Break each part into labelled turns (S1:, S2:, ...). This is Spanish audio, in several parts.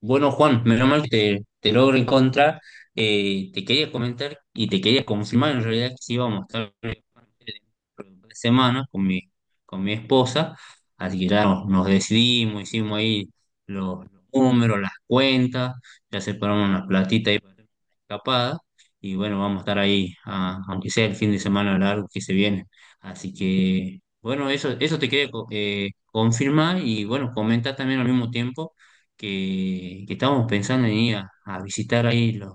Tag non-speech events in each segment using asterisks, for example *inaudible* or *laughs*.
S1: Bueno, Juan, menos mal que te logro en contra. Te quería comentar y te quería confirmar en realidad que sí íbamos a estar dentro de un par de semanas con con mi esposa. Así que ya nos decidimos, hicimos ahí los números, las cuentas, ya separamos una platita ahí para hacer una escapada. Y bueno, vamos a estar ahí, aunque sea el fin de semana largo que se viene. Así que, bueno, eso te quería confirmar y bueno, comentar también al mismo tiempo que estábamos pensando en ir a visitar ahí los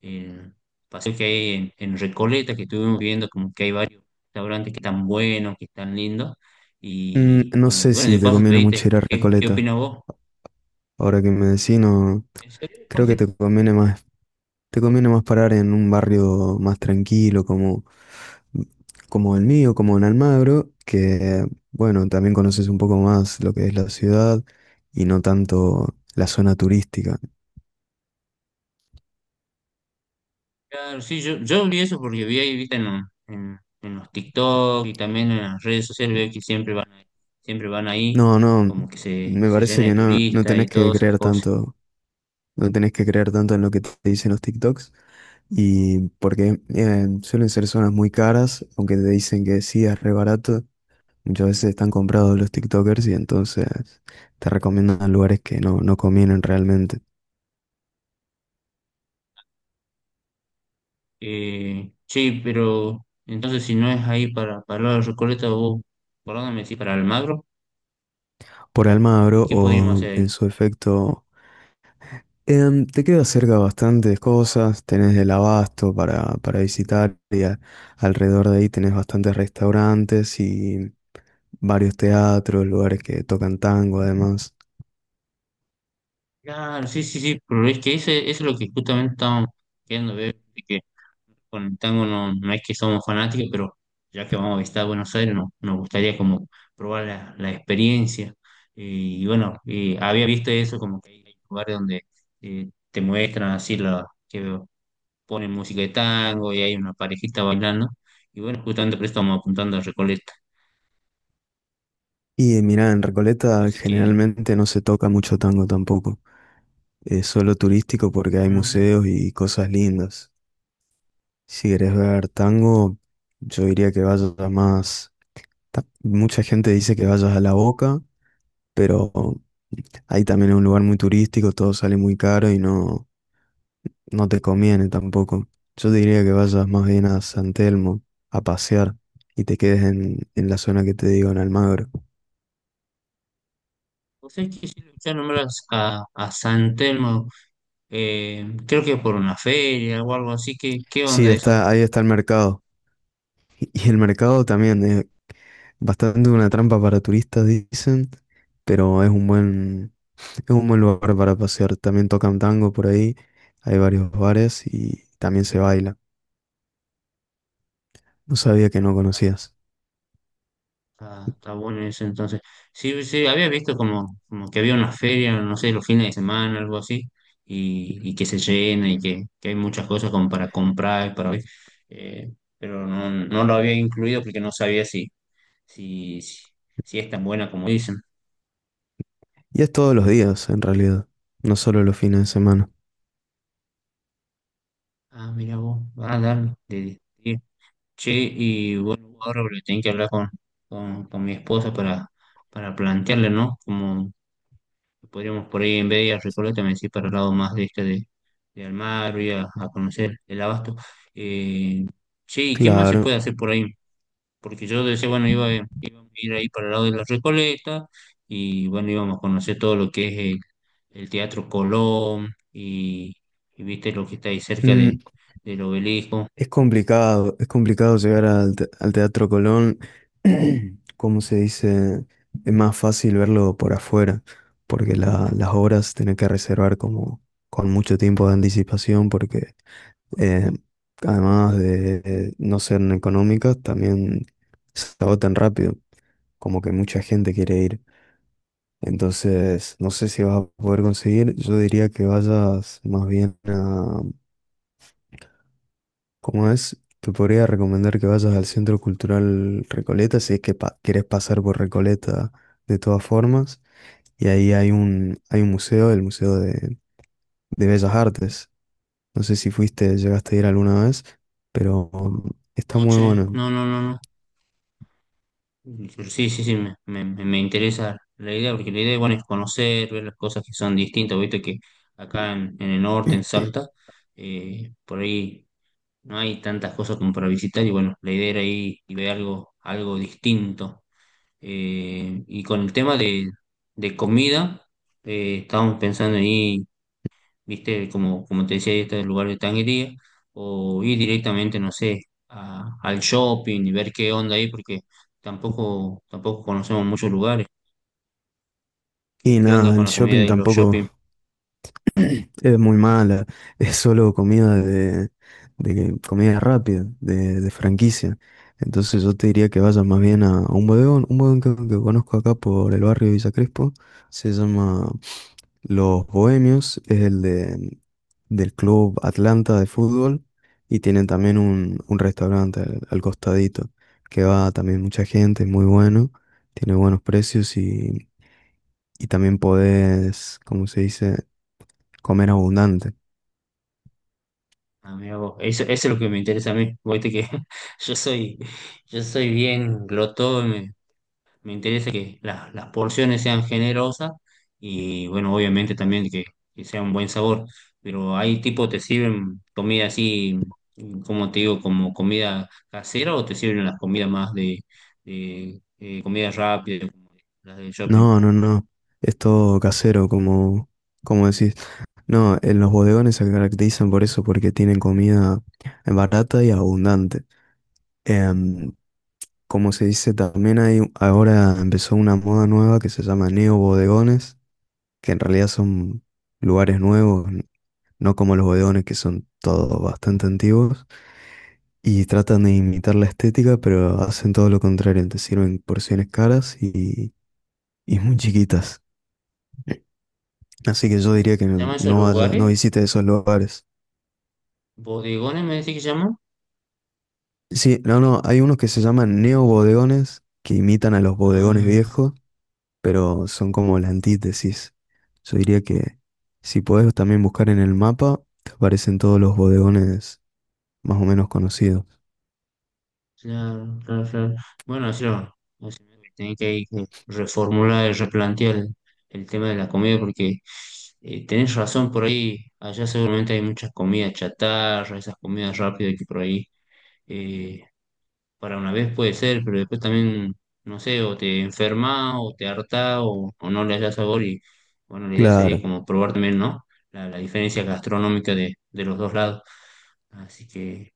S1: el paseo que hay en Recoleta, que estuvimos viendo como que hay varios restaurantes que están buenos, que están lindos,
S2: No
S1: y
S2: sé
S1: bueno,
S2: si
S1: de
S2: te
S1: paso te
S2: conviene mucho
S1: pediste,
S2: ir a
S1: ¿qué, qué
S2: Recoleta.
S1: opinas vos?
S2: Ahora que me decís, no,
S1: ¿En serio? ¿Por
S2: creo que
S1: qué?
S2: te conviene más parar en un barrio más tranquilo como, como el mío, como en Almagro, que bueno, también conoces un poco más lo que es la ciudad y no tanto la zona turística.
S1: Claro, sí, yo vi eso porque vi ahí, viste, en los TikTok y también en las redes sociales, veo que siempre van ahí,
S2: No, no,
S1: como que
S2: me
S1: se llena
S2: parece
S1: de
S2: que no, no
S1: turistas y
S2: tenés que
S1: todas esas
S2: creer
S1: cosas.
S2: tanto. No tenés que creer tanto en lo que te dicen los TikToks. Y porque suelen ser zonas muy caras, aunque te dicen que sí es re barato, muchas veces están comprados los TikTokers y entonces te recomiendan lugares que no, no convienen realmente.
S1: Sí, pero entonces si no es ahí para la Recoleta, vos, ¿por dónde me decís? ¿Para Almagro?
S2: Por
S1: ¿Y
S2: Almagro
S1: qué podríamos
S2: o
S1: hacer
S2: en
S1: ahí?
S2: su efecto, te queda cerca bastantes cosas, tenés el Abasto para visitar y alrededor de ahí tenés bastantes restaurantes y varios teatros, lugares que tocan tango además.
S1: Claro, sí, sí, sí, pero es que eso es lo que justamente estamos queriendo ver, de que con el tango no, no es que somos fanáticos, pero ya que vamos a visitar Buenos Aires, no, nos gustaría como probar la experiencia. Había visto eso como que hay lugares donde te muestran así la, que ponen música de tango y hay una parejita bailando. Y bueno, justamente por eso estamos apuntando a Recoleta.
S2: Y mira, en Recoleta
S1: Así que,
S2: generalmente no se toca mucho tango tampoco. Es solo turístico porque hay
S1: bueno,
S2: museos y cosas lindas. Si querés ver tango, yo diría que vayas a más. Mucha gente dice que vayas a La Boca, pero ahí también es un lugar muy turístico, todo sale muy caro y no, no te conviene tampoco. Yo diría que vayas más bien a San Telmo a pasear y te quedes en la zona que te digo, en Almagro.
S1: pues es que sí lo escuché a San Telmo, creo que por una feria o algo así. ¿Qué, qué
S2: Sí,
S1: onda eso?
S2: está, ahí está el mercado. Y el mercado también es bastante una trampa para turistas, dicen, pero es un buen lugar para pasear. También tocan tango por ahí, hay varios bares y también se baila. No sabía que
S1: Pero
S2: no conocías.
S1: está, está bueno eso entonces. Sí, sí, había visto como, como que había una feria, no sé, los fines de semana, algo así, y que se llena y que hay muchas cosas como para comprar, y para ver. Eh, pero no, no lo había incluido porque no sabía si, si, si es tan buena como dicen.
S2: Y es todos los días, en realidad, no solo los fines de semana.
S1: Ah, mira vos, ah, dale, che, y bueno, ahora voy a tener que hablar con mi esposa para plantearle, ¿no? Como podríamos por ahí en vez de ir a Recoleta, me decís para el lado más de de Almagro y a conocer el Abasto. Eh, Che, ¿y qué más se
S2: Claro.
S1: puede hacer por ahí? Porque yo decía, bueno, iba a ir ahí para el lado de la Recoleta y bueno, íbamos a conocer todo lo que es el Teatro Colón y viste lo que está ahí
S2: Mm,
S1: del obelisco.
S2: Es complicado llegar al, al Teatro Colón, *clears throat* como se dice, es más fácil verlo por afuera, porque las obras tienen que reservar como con mucho tiempo de anticipación, porque eh, además de no ser económicas, también se agotan rápido, como que mucha gente quiere ir. Entonces, no sé si vas a poder conseguir, yo diría que vayas más bien. Como es, te podría recomendar que vayas al Centro Cultural Recoleta si es que querés pasar por Recoleta de todas formas. Y ahí hay un museo, el Museo de Bellas Artes. No sé si fuiste, llegaste a ir alguna vez, pero está muy
S1: Noche
S2: bueno.
S1: no, no, no, no. Pero sí, sí, sí, me interesa la idea, porque la idea, bueno, es conocer, ver las cosas que son distintas, viste que acá en el norte, en Salta, por ahí no hay tantas cosas como para visitar y bueno, la idea era ir y ver algo, algo distinto. Y con el tema de comida, estábamos pensando ahí, viste, como, como te decía, este lugar de tanguería, o ir directamente, no sé, al shopping y ver qué onda ahí, porque tampoco, tampoco conocemos muchos lugares. ¿Qué,
S2: Y
S1: qué onda
S2: nada, el
S1: con la comida
S2: shopping
S1: de los
S2: tampoco
S1: shopping?
S2: es muy mala, es solo comida de, comida rápida, de franquicia. Entonces yo te diría que vayas más bien a un bodegón que conozco acá por el barrio de Villa Crespo, se llama Los Bohemios, es el de, del Club Atlanta de fútbol y tienen también un restaurante al, al costadito, que va también mucha gente, es muy bueno. Tiene buenos precios y también podés, como se dice, comer abundante.
S1: Ah, mira vos, eso es lo que me interesa a mí. Viste que *laughs* yo soy, yo soy bien glotón. Me interesa que las porciones sean generosas y bueno, obviamente también que sea un buen sabor. Pero hay tipo, ¿te sirven comida así, como te digo, como comida casera o te sirven las comidas más de comida rápida, como las de shopping?
S2: No, no, no. Es todo casero, como, como decís. No, en los bodegones se caracterizan por eso, porque tienen comida barata y abundante. Em, como se dice, también hay, ahora empezó una moda nueva que se llama neobodegones, que en realidad son lugares nuevos, no como los bodegones que son todos bastante antiguos. Y tratan de imitar la estética, pero hacen todo lo contrario, te sirven porciones caras y muy chiquitas. Así que yo diría que
S1: ¿Se llaman esos
S2: no
S1: lugares?
S2: visite esos lugares.
S1: ¿Bodegones me decís que llaman?
S2: Sí, no, no, hay unos que se llaman neobodegones, que imitan a los bodegones
S1: Ah.
S2: viejos, pero son como la antítesis. Yo diría que si podés también buscar en el mapa, te aparecen todos los bodegones más o menos conocidos.
S1: Claro, claro, claro. Bueno, yo, o sea, tenía que, ahí que reformular y replantear el tema de la comida porque tenés razón por ahí, allá seguramente hay muchas comidas chatarra, esas comidas rápidas que por ahí eh, para una vez puede ser, pero después también, no sé, o te enfermas o te hartás o no le hallas sabor y bueno, la idea sería
S2: Claro,
S1: como probar también, ¿no? La diferencia gastronómica de los dos lados. Así que,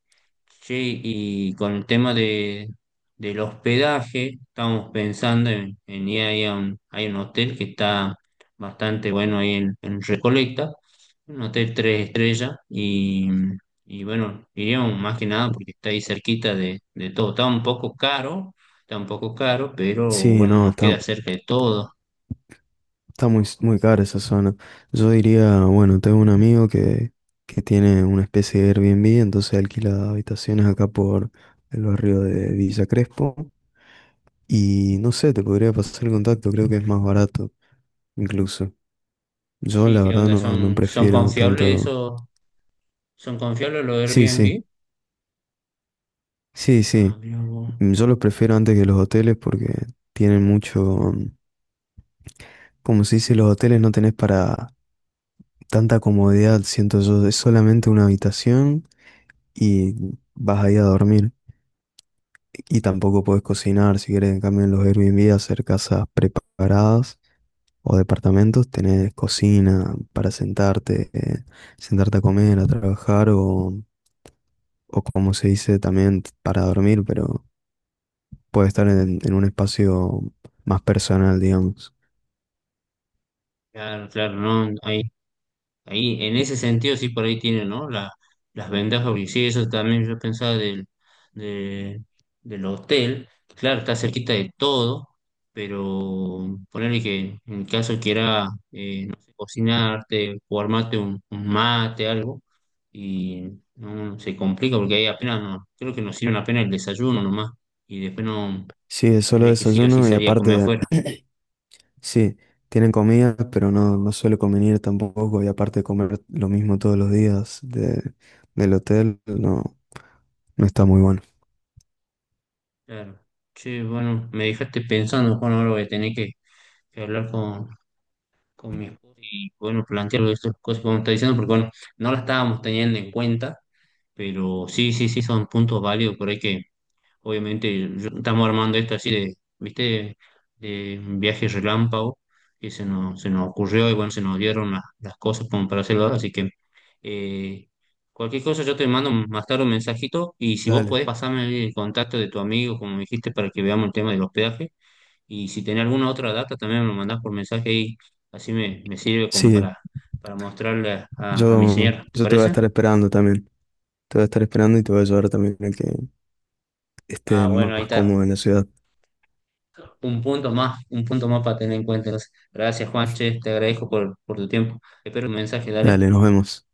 S1: sí, y con el tema del hospedaje, estamos pensando en ir ahí a un, hay un hotel que está bastante bueno ahí en Recoleta, un hotel 3 estrellas, y bueno, iríamos más que nada porque está ahí cerquita de todo. Está un poco caro, está un poco caro, pero
S2: sí,
S1: bueno,
S2: no,
S1: nos
S2: está,
S1: queda cerca de todo.
S2: está muy, muy cara esa zona. Yo diría, bueno, tengo un amigo que tiene una especie de Airbnb, entonces alquila habitaciones acá por el barrio de Villa Crespo. Y no sé, te podría pasar el contacto, creo que es más barato incluso. Yo
S1: Sí,
S2: la
S1: ¿qué
S2: verdad
S1: onda?
S2: no, no
S1: ¿Son, son
S2: prefiero
S1: confiables
S2: tanto...
S1: esos? ¿Son confiables los
S2: Sí, sí,
S1: Airbnb?
S2: sí,
S1: Ah,
S2: sí.
S1: mira vos.
S2: Yo los prefiero antes que los hoteles porque tienen mucho... mm, como se dice, los hoteles no tenés para tanta comodidad, siento yo, es solamente una habitación y vas ahí a dormir. Y tampoco puedes cocinar, si querés, en cambio en los Airbnb hacer casas preparadas o departamentos, tenés cocina para sentarte, sentarte a comer, a trabajar o como se dice también para dormir, pero puede estar en un espacio más personal, digamos.
S1: Claro, claro, no, ahí ahí, en ese sentido, sí, por ahí tiene, ¿no? Las ventajas, porque sí, eso también yo pensaba de- del hotel. Claro, está cerquita de todo, pero ponerle que en caso quiera, no sé, cocinarte o armarte un mate, algo, y no se complica porque ahí apenas, no, creo que nos sirven apenas el desayuno nomás, y después no
S2: Sí, es solo
S1: tenés que sí o sí
S2: desayuno y
S1: salir a comer
S2: aparte
S1: afuera.
S2: sí, tienen comidas, pero no, no suele convenir tampoco. Y aparte de comer lo mismo todos los días de, del hotel, no, no está muy bueno.
S1: Claro. Che, bueno, me dejaste pensando, Juan, ahora voy a tener que hablar con mi esposa y bueno, plantearlo estas cosas que vos me estás diciendo, porque bueno, no las estábamos teniendo en cuenta, pero sí, sí, sí, son puntos válidos, por ahí que obviamente estamos armando esto así de, ¿viste? De un viaje relámpago que se nos ocurrió y bueno, se nos dieron las cosas como para hacerlo ahora, así que eh, cualquier cosa yo te mando más tarde un mensajito y si vos
S2: Dale.
S1: podés pasarme el contacto de tu amigo, como me dijiste, para que veamos el tema del hospedaje y si tenés alguna otra data, también me lo mandás por mensaje y así me sirve como
S2: Sí,
S1: para mostrarle a mi señora. ¿Te
S2: yo te voy a
S1: parece?
S2: estar esperando también. Te voy a estar esperando y te voy a ayudar también a que
S1: Ah,
S2: estés
S1: bueno,
S2: más
S1: ahí está.
S2: cómodo en la ciudad.
S1: Un punto más para tener en cuenta. Gracias, Juanche. Te agradezco por tu tiempo. Espero un mensaje, dale.
S2: Dale, nos vemos.